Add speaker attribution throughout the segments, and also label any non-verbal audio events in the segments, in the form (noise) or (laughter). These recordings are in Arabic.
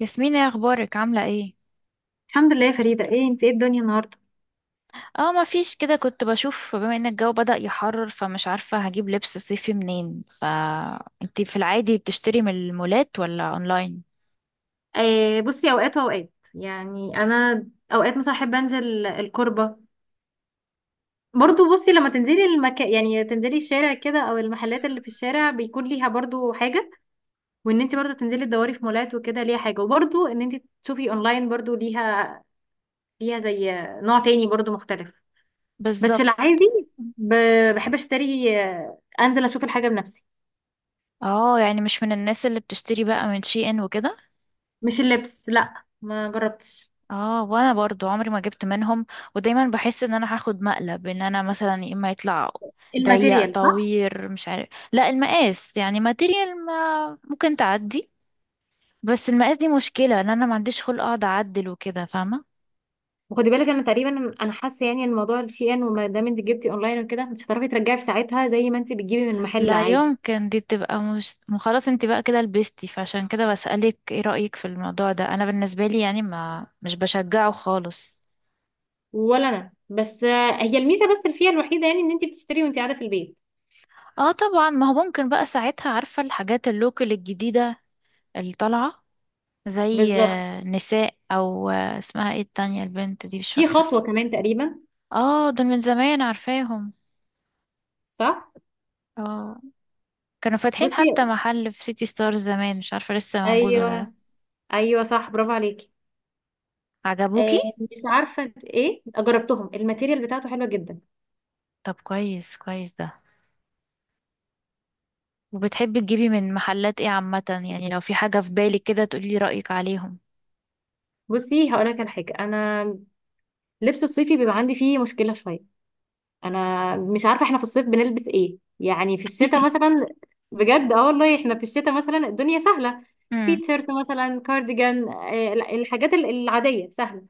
Speaker 1: ياسمين، ايه اخبارك؟ عامله ايه؟
Speaker 2: الحمد لله يا فريدة، ايه انت؟ ايه الدنيا النهاردة؟
Speaker 1: اه، ما فيش كده. كنت بشوف بما ان الجو بدأ يحرر، فمش عارفه هجيب لبس صيفي منين. فانتي في العادي بتشتري من المولات ولا اونلاين؟
Speaker 2: آه، بصي اوقات واوقات يعني. انا اوقات مثلا احب انزل الكربة. برضو بصي، لما تنزلي المكان يعني تنزلي الشارع كده او المحلات اللي في الشارع، بيكون ليها برضو حاجة. وان انت برضو تنزلي تدوري في مولات وكده ليها حاجة، وبرضو ان انت تشوفي اونلاين برضو ليها. زي نوع تاني برضو مختلف. بس في
Speaker 1: بالظبط.
Speaker 2: العادي، بحب اشتري، انزل اشوف الحاجة بنفسي.
Speaker 1: اه يعني مش من الناس اللي بتشتري بقى من شي ان وكده.
Speaker 2: مش اللبس، لا، ما جربتش
Speaker 1: اه، وانا برضو عمري ما جبت منهم. ودايما بحس ان انا هاخد مقلب، ان انا مثلا يا اما يطلع ضيق
Speaker 2: الماتيريال.
Speaker 1: طوير، مش عارف، لا المقاس، يعني ماتيريال ما ممكن تعدي، بس المقاس دي مشكله ان انا ما عنديش خلق اقعد اعدل وكده، فاهمه؟
Speaker 2: وخدي بالك، انا تقريبا حاسه يعني ان موضوع الشيان، وما دام انت جبتي اونلاين وكده، مش هتعرفي ترجعي في ساعتها زي ما انت بتجيبي من محل
Speaker 1: لا
Speaker 2: عادي.
Speaker 1: يمكن دي تبقى مش، ما خلاص انت بقى كده لبستي، فعشان كده بسألك ايه رأيك في الموضوع ده. انا بالنسبة لي يعني ما، مش بشجعه خالص.
Speaker 2: ولا انا، بس هي الميزه بس اللي فيها الوحيده يعني ان انت بتشتري وانت قاعده في البيت.
Speaker 1: اه طبعا، ما هو ممكن بقى ساعتها عارفة الحاجات اللوكل الجديدة اللي طالعة، زي
Speaker 2: بالظبط.
Speaker 1: نساء، او اسمها ايه التانية، البنت دي مش
Speaker 2: في
Speaker 1: فاكرة
Speaker 2: خطوه
Speaker 1: اسمها.
Speaker 2: كمان تقريبا.
Speaker 1: اه دول من زمان عارفاهم.
Speaker 2: صح.
Speaker 1: اه، كانوا فاتحين
Speaker 2: بصي.
Speaker 1: حتى محل في سيتي ستارز زمان، مش عارفة لسه موجود ولا لا.
Speaker 2: ايوه. ايوه صح، برافو عليكي. آه،
Speaker 1: عجبوكي؟
Speaker 2: مش عارفه ايه، جربتهم، الماتيريال بتاعته حلوه جدا.
Speaker 1: طب كويس، ده. وبتحبي تجيبي من محلات ايه عامة؟ يعني لو في حاجة في بالك كده تقولي رأيك عليهم.
Speaker 2: بصي، هقول لك على حاجه. انا لبس الصيفي بيبقى عندي فيه مشكله شويه. انا مش عارفه، احنا في الصيف بنلبس ايه؟ يعني في الشتاء مثلا، بجد اه والله، احنا في الشتاء مثلا الدنيا سهله.
Speaker 1: امم
Speaker 2: سويتشيرت مثلا، كارديجان، لا، الحاجات العاديه سهله.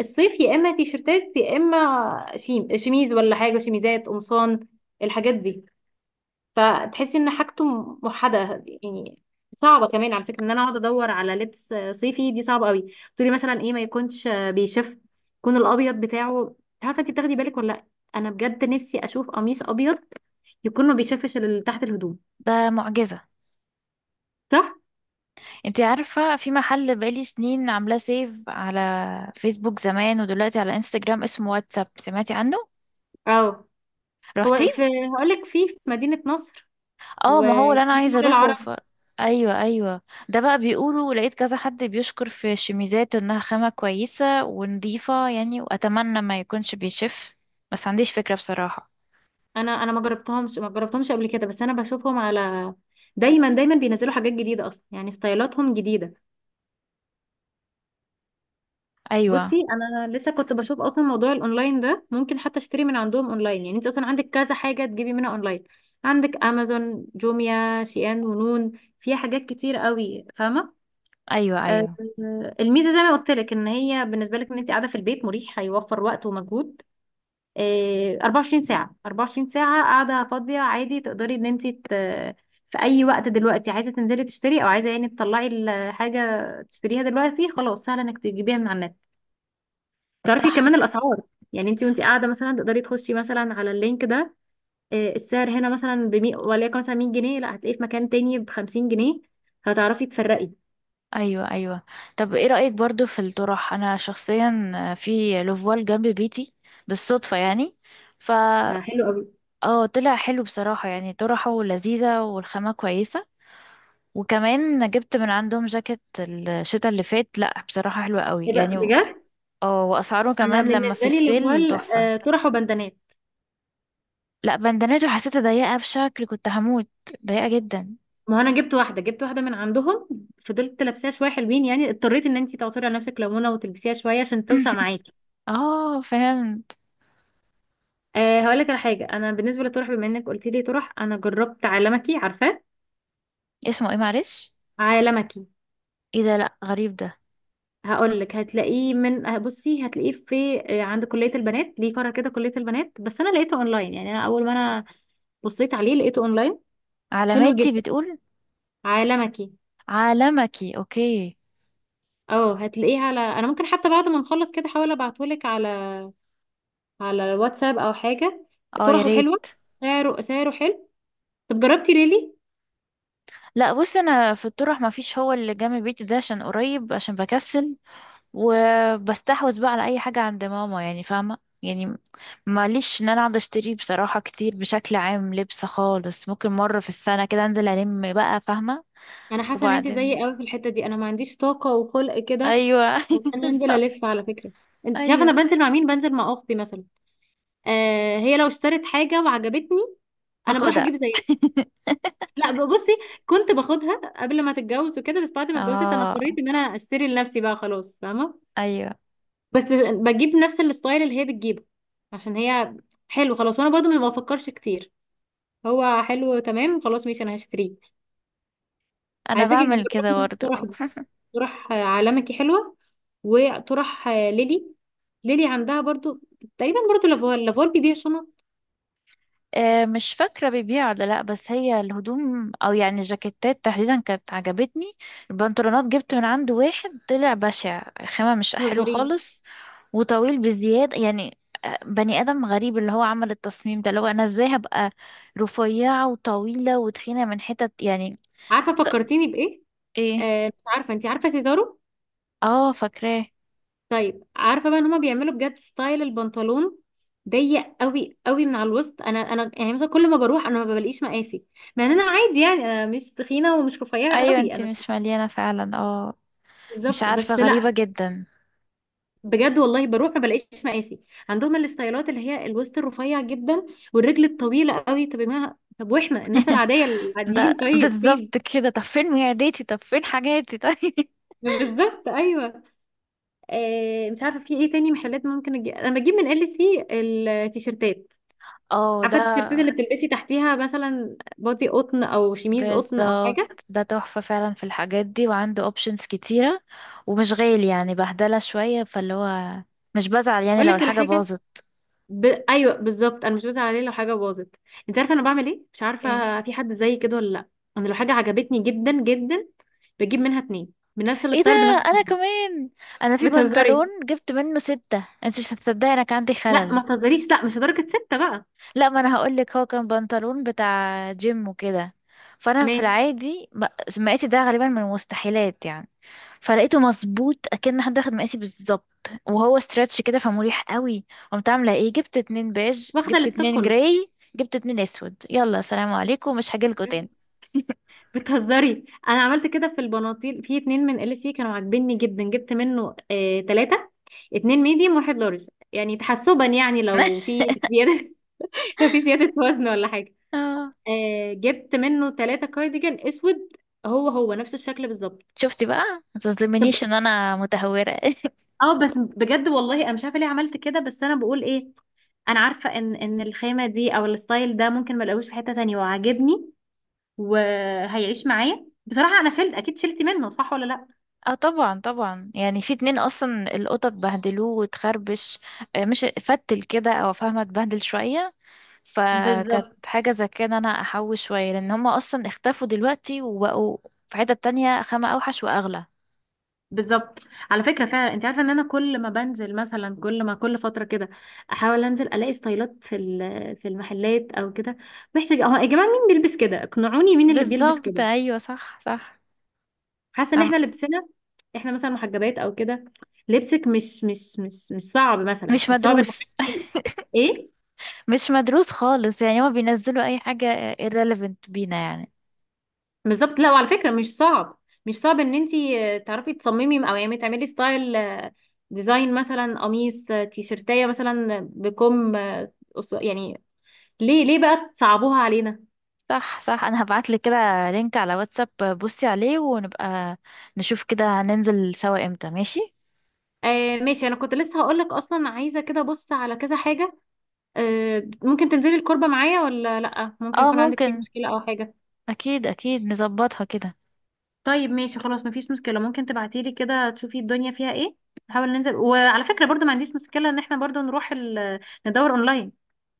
Speaker 2: الصيف يا اما تيشرتات يا اما شيميز ولا حاجه، شيميزات، قمصان، الحاجات دي. فتحسي ان حاجته موحده يعني. صعبه كمان على فكره ان انا اقعد ادور على لبس صيفي، دي صعبه قوي. تقولي مثلا ايه؟ ما يكونش بيشف، يكون الابيض بتاعه، مش عارفه انت بتاخدي بالك ولا لا. انا بجد نفسي اشوف قميص ابيض يكون ما بيشفش اللي تحت الهدوم.
Speaker 1: ده معجزة.
Speaker 2: صح.
Speaker 1: انتي عارفة في محل بقالي سنين عاملاه سيف على فيسبوك زمان ودلوقتي على انستجرام، اسمه واتساب، سمعتي عنه؟
Speaker 2: اه.
Speaker 1: رحتي؟
Speaker 2: هو في، هقول لك، في مدينه نصر،
Speaker 1: اه ما هو اللي
Speaker 2: وفي
Speaker 1: انا
Speaker 2: في
Speaker 1: عايزة
Speaker 2: مول
Speaker 1: اروحه ف...
Speaker 2: العرب.
Speaker 1: ايوه ايوه. ده بقى بيقولوا، لقيت كذا حد بيشكر في الشميزات انها خامة كويسة ونضيفة يعني، واتمنى ما يكونش بيشف، بس عنديش فكرة بصراحة.
Speaker 2: انا ما جربتهمش قبل كده، بس انا بشوفهم على، دايما بينزلوا حاجات جديده اصلا، يعني ستايلاتهم جديده. بصي،
Speaker 1: ايوه
Speaker 2: انا لسه كنت بشوف اصلا موضوع الاونلاين ده، ممكن حتى اشتري من عندهم اونلاين. يعني انت اصلا عندك كذا حاجه تجيبي منها اونلاين. عندك امازون، جوميا، شيئان، ونون. فيها حاجات كتير قوي، فاهمه؟
Speaker 1: ايوه.
Speaker 2: آه،
Speaker 1: ايوه
Speaker 2: الميزه زي ما قلت لك، ان هي بالنسبه لك ان انت قاعده في البيت، مريح، هيوفر وقت ومجهود. 24 ساعه، 24 ساعه قاعده فاضيه، عادي تقدري ان في اي وقت دلوقتي عايزه تنزلي تشتري، او عايزه يعني تطلعي الحاجه تشتريها دلوقتي، خلاص سهل انك تجيبيها من على النت. تعرفي
Speaker 1: صح.
Speaker 2: كمان الاسعار، يعني انت وانت قاعده مثلا تقدري تخشي مثلا على اللينك ده. السعر هنا مثلا ب 100، وليكن مثلا 100 جنيه، لا هتلاقيه في مكان تاني ب 50 جنيه، هتعرفي تفرقي.
Speaker 1: ايوه ايوه. طب ايه رأيك برضو في الطرح؟ انا شخصيا في لوفوال جنب بيتي بالصدفة يعني، ف
Speaker 2: فحلو قوي.
Speaker 1: اه طلع حلو بصراحة، يعني طرحه لذيذة والخامة كويسة. وكمان جبت من عندهم جاكيت الشتا اللي فات، لا بصراحة حلوة قوي
Speaker 2: ايه ده
Speaker 1: يعني و-
Speaker 2: بجد؟
Speaker 1: اه واسعاره
Speaker 2: انا
Speaker 1: كمان لما في
Speaker 2: بالنسبه لي
Speaker 1: السيل
Speaker 2: لافوال،
Speaker 1: تحفة.
Speaker 2: طرح وبندانات.
Speaker 1: لا، بندنته حسيتها ضيقة بشكل كنت هموت. ضيقة جدا.
Speaker 2: ما هو انا جبت واحده من عندهم، فضلت لابساها شويه حلوين يعني. اضطريت ان انت تعصري على نفسك ليمونه وتلبسيها شويه عشان توسع
Speaker 1: (laughs)
Speaker 2: معاكي.
Speaker 1: اه فهمت.
Speaker 2: أه، هقول لك على حاجه، انا بالنسبه للطرح، بما انك قلت لي طرح، انا جربت عالمكي، عارفاه؟
Speaker 1: اسمه ايه معلش؟
Speaker 2: عالمكي.
Speaker 1: ايه ده؟ لا غريب ده.
Speaker 2: هقول لك، هتلاقيه من بصي، هتلاقيه في، عند كلية البنات، ليه فرع كده كلية البنات، بس انا لقيته اونلاين. يعني انا اول ما بصيت عليه لقيته اونلاين. حلو
Speaker 1: علاماتي
Speaker 2: جدا
Speaker 1: بتقول.
Speaker 2: عالمكي.
Speaker 1: عالمكي، اوكي.
Speaker 2: اه، هتلاقيه على، انا ممكن حتى بعد ما نخلص كده احاول ابعتهولك على على الواتساب او حاجة.
Speaker 1: اه يا
Speaker 2: طرحه
Speaker 1: ريت.
Speaker 2: حلوة، سعره حلو. طب جربتي ريلي؟
Speaker 1: لا بص، انا في الطرح ما فيش. هو اللي جنب بيتي ده عشان قريب، عشان بكسل وبستحوذ بقى على اي حاجه عند ماما يعني، فاهمه يعني. ماليش ان انا اقعد اشتري بصراحه كتير بشكل عام لبس خالص. ممكن مره في السنه كده انزل الم بقى، فاهمه.
Speaker 2: انا حاسة ان انت
Speaker 1: وبعدين
Speaker 2: زيي قوي في الحتة دي. انا ما عنديش طاقة وخلق كده
Speaker 1: ايوه.
Speaker 2: ان
Speaker 1: (laughs)
Speaker 2: انا انزل،
Speaker 1: بالظبط.
Speaker 2: الف على فكرة. انت عارفة انا
Speaker 1: ايوه
Speaker 2: بنزل مع مين؟ بنزل مع اختي مثلا. آه، هي لو اشترت حاجة وعجبتني انا بروح
Speaker 1: باخدها.
Speaker 2: اجيب زيها. لا بصي، كنت باخدها قبل ما تتجوز وكده، بس بعد
Speaker 1: (laughs)
Speaker 2: ما اتجوزت انا
Speaker 1: اه،
Speaker 2: اضطريت ان انا اشتري لنفسي بقى، خلاص فاهمة.
Speaker 1: ايوه.
Speaker 2: بس بجيب نفس الستايل اللي هي بتجيبه، عشان هي حلو خلاص، وانا برضو ما بفكرش كتير، هو حلو تمام خلاص ماشي انا هشتريه.
Speaker 1: انا
Speaker 2: عايزاكي
Speaker 1: بعمل كده
Speaker 2: تجربي
Speaker 1: برضو.
Speaker 2: طرح دي، طرح عالمكي حلوة. وطرح ليلي، ليلي عندها برضو تقريبا برضو لافوال. لافوال بيبيع شنط.
Speaker 1: مش فاكرة بيبيع ولا لأ، بس هي الهدوم أو يعني الجاكيتات تحديدا كانت عجبتني. البنطلونات جبت من عنده واحد طلع بشع، خامة مش حلو
Speaker 2: نظريه.
Speaker 1: خالص وطويل بزيادة يعني. بني آدم غريب اللي هو عمل التصميم ده، اللي هو أنا ازاي هبقى رفيعة وطويلة وتخينة من حتت يعني.
Speaker 2: عارفة فكرتيني بإيه؟
Speaker 1: ايه؟
Speaker 2: مش عارفه، انت عارفه سيزارو؟
Speaker 1: اه فاكراه.
Speaker 2: طيب عارفه بقى ان هما بيعملوا بجد ستايل البنطلون ضيق قوي قوي من على الوسط. انا يعني مثلا كل ما بروح انا ما بلاقيش مقاسي، مع ان انا عادي يعني، انا مش تخينه ومش رفيعه
Speaker 1: ايوه
Speaker 2: قوي
Speaker 1: انت
Speaker 2: انا.
Speaker 1: مش مليانة فعلا، اه. مش
Speaker 2: بالظبط، بس
Speaker 1: عارفة، غريبة
Speaker 2: لا،
Speaker 1: جدا.
Speaker 2: بجد والله بروح ما بلاقيش مقاسي. عندهم الستايلات اللي هي الوسط الرفيع جدا والرجل الطويله قوي. طب يا جماعه، طب واحنا الناس العاديه
Speaker 1: ده
Speaker 2: العاديين
Speaker 1: (laughs)
Speaker 2: طيب فين؟
Speaker 1: بالظبط كده. طب فين معدتي؟ طب فين حاجاتي؟ طيب. (laughs)
Speaker 2: بالظبط، ايوه. آه، مش عارفه في ايه تاني محلات ممكن انا بجيب من ال سي التيشيرتات.
Speaker 1: اه ده.
Speaker 2: عارفه التيشيرتات اللي بتلبسي تحتيها مثلا، بادي قطن او شميز قطن او حاجه.
Speaker 1: بالظبط، ده تحفة فعلا في الحاجات دي، وعنده options كتيرة ومش غالي يعني، بهدلة شوية. فاللي هو مش بزعل يعني
Speaker 2: اقول
Speaker 1: لو
Speaker 2: لك
Speaker 1: الحاجة
Speaker 2: الحاجه،
Speaker 1: باظت.
Speaker 2: ايوه بالظبط، انا مش بزعل عليه لو حاجه باظت. انت عارفه انا بعمل ايه؟ مش
Speaker 1: ايه؟
Speaker 2: عارفه في حد زي كده ولا لا. انا لو حاجه عجبتني جدا جدا بجيب منها اتنين بنفس
Speaker 1: ايه ده؟
Speaker 2: الستايل بنفس
Speaker 1: انا
Speaker 2: الماركة.
Speaker 1: كمان. انا
Speaker 2: (laughs)
Speaker 1: في
Speaker 2: بتهزري؟
Speaker 1: بنطلون جبت منه ستة، انت مش هتصدقي، انا كان عندي
Speaker 2: لا
Speaker 1: خلل.
Speaker 2: ما تهزريش، لا مش لدرجه سته بقى.
Speaker 1: لا ما انا هقولك، هو كان بنطلون بتاع جيم وكده، فانا في
Speaker 2: ماشي،
Speaker 1: العادي م- مقاسي ده غالبا من المستحيلات يعني. فلقيته مظبوط، اكن حد اخد مقاسي بالظبط، وهو ستريتش كده فمريح قوي. قمت عامله ايه؟ جبت اتنين بيج،
Speaker 2: واخده
Speaker 1: جبت
Speaker 2: الستوك
Speaker 1: اتنين
Speaker 2: كله.
Speaker 1: جراي، جبت اتنين اسود، يلا سلام عليكم مش هجيلكوا تاني.
Speaker 2: بتهزري، انا عملت كده في البناطيل، في اتنين من ال سي كانوا عاجبني جدا جبت منه آه... تلاته، اتنين ميديوم واحد لارج، يعني تحسبا يعني لو
Speaker 1: (laughs)
Speaker 2: في زيادة. (laughs) لو في زيادة وزن ولا حاجة.
Speaker 1: آه،
Speaker 2: آه، جبت منه ثلاثة كارديجان اسود، هو نفس الشكل بالظبط.
Speaker 1: شفتي بقى. ما
Speaker 2: طب
Speaker 1: تظلمنيش ان انا متهوره. (laughs)
Speaker 2: اه، بس بجد والله انا مش عارفة ليه عملت كده، بس انا بقول ايه؟ انا عارفة ان الخامة دي او الستايل ده ممكن ما الاقوش في حتة تانية وعاجبني، وهيعيش معايا. بصراحة انا شلت، اكيد شلت منه، صح ولا لا؟
Speaker 1: اه طبعا طبعا. يعني في اتنين اصلا القطط بهدلوه وتخربش، مش فتل كده او فاهمه، اتبهدل شويه. فكانت
Speaker 2: بالظبط.
Speaker 1: حاجه زي كده انا احوش شويه، لان هما اصلا اختفوا دلوقتي وبقوا في حته تانية خامة اوحش واغلى.
Speaker 2: بالظبط. على فكره فعلا، انت عارفه ان انا كل ما بنزل مثلا، كل ما كل فتره كده احاول انزل الاقي ستايلات في في المحلات او كده، محتاجه اه يا جماعه مين بيلبس كده؟ اقنعوني مين اللي بيلبس
Speaker 1: بالظبط،
Speaker 2: كده.
Speaker 1: ايوه صح صح.
Speaker 2: حاسه ان
Speaker 1: أم-
Speaker 2: احنا لبسنا، احنا مثلا محجبات او كده، لبسك مش صعب مثلا،
Speaker 1: مش
Speaker 2: مش صعب ان حد،
Speaker 1: مدروس.
Speaker 2: ايه؟
Speaker 1: (laughs) مش مدروس خالص يعني. هما بينزلوا اي حاجه irrelevant بينا يعني.
Speaker 2: بالظبط، لا وعلى فكره مش صعب، ان انت تعرفي تصممي، او يعني تعملي ستايل، ديزاين، مثلا قميص، تيشرتايه مثلا بكم، يعني ليه، بقى تصعبوها علينا؟
Speaker 1: صح صح. انا هبعتلك كده لينك على واتساب، بصي عليه، ونبقى نشوف كده هننزل سوا امتى، ماشي؟
Speaker 2: آه ماشي. انا كنت لسه هقولك اصلا، عايزه كده بص على كذا حاجه. آه، ممكن تنزلي الكربه معايا ولا لا؟ ممكن
Speaker 1: اه
Speaker 2: يكون عندك فيها
Speaker 1: ممكن،
Speaker 2: مشكله او حاجه.
Speaker 1: اكيد اكيد نظبطها كده.
Speaker 2: طيب ماشي خلاص، مفيش مشكله، ممكن تبعتيلي كده، تشوفي الدنيا فيها ايه، نحاول ننزل. وعلى فكره برضو ما عنديش مشكله ان احنا برضو نروح ندور اونلاين.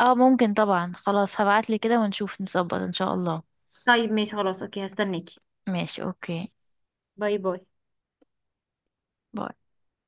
Speaker 1: اه ممكن طبعا، خلاص هبعتلك كده ونشوف نظبط ان شاء الله.
Speaker 2: طيب ماشي خلاص، اوكي، هستناكي.
Speaker 1: ماشي، اوكي،
Speaker 2: باي باي.
Speaker 1: باي.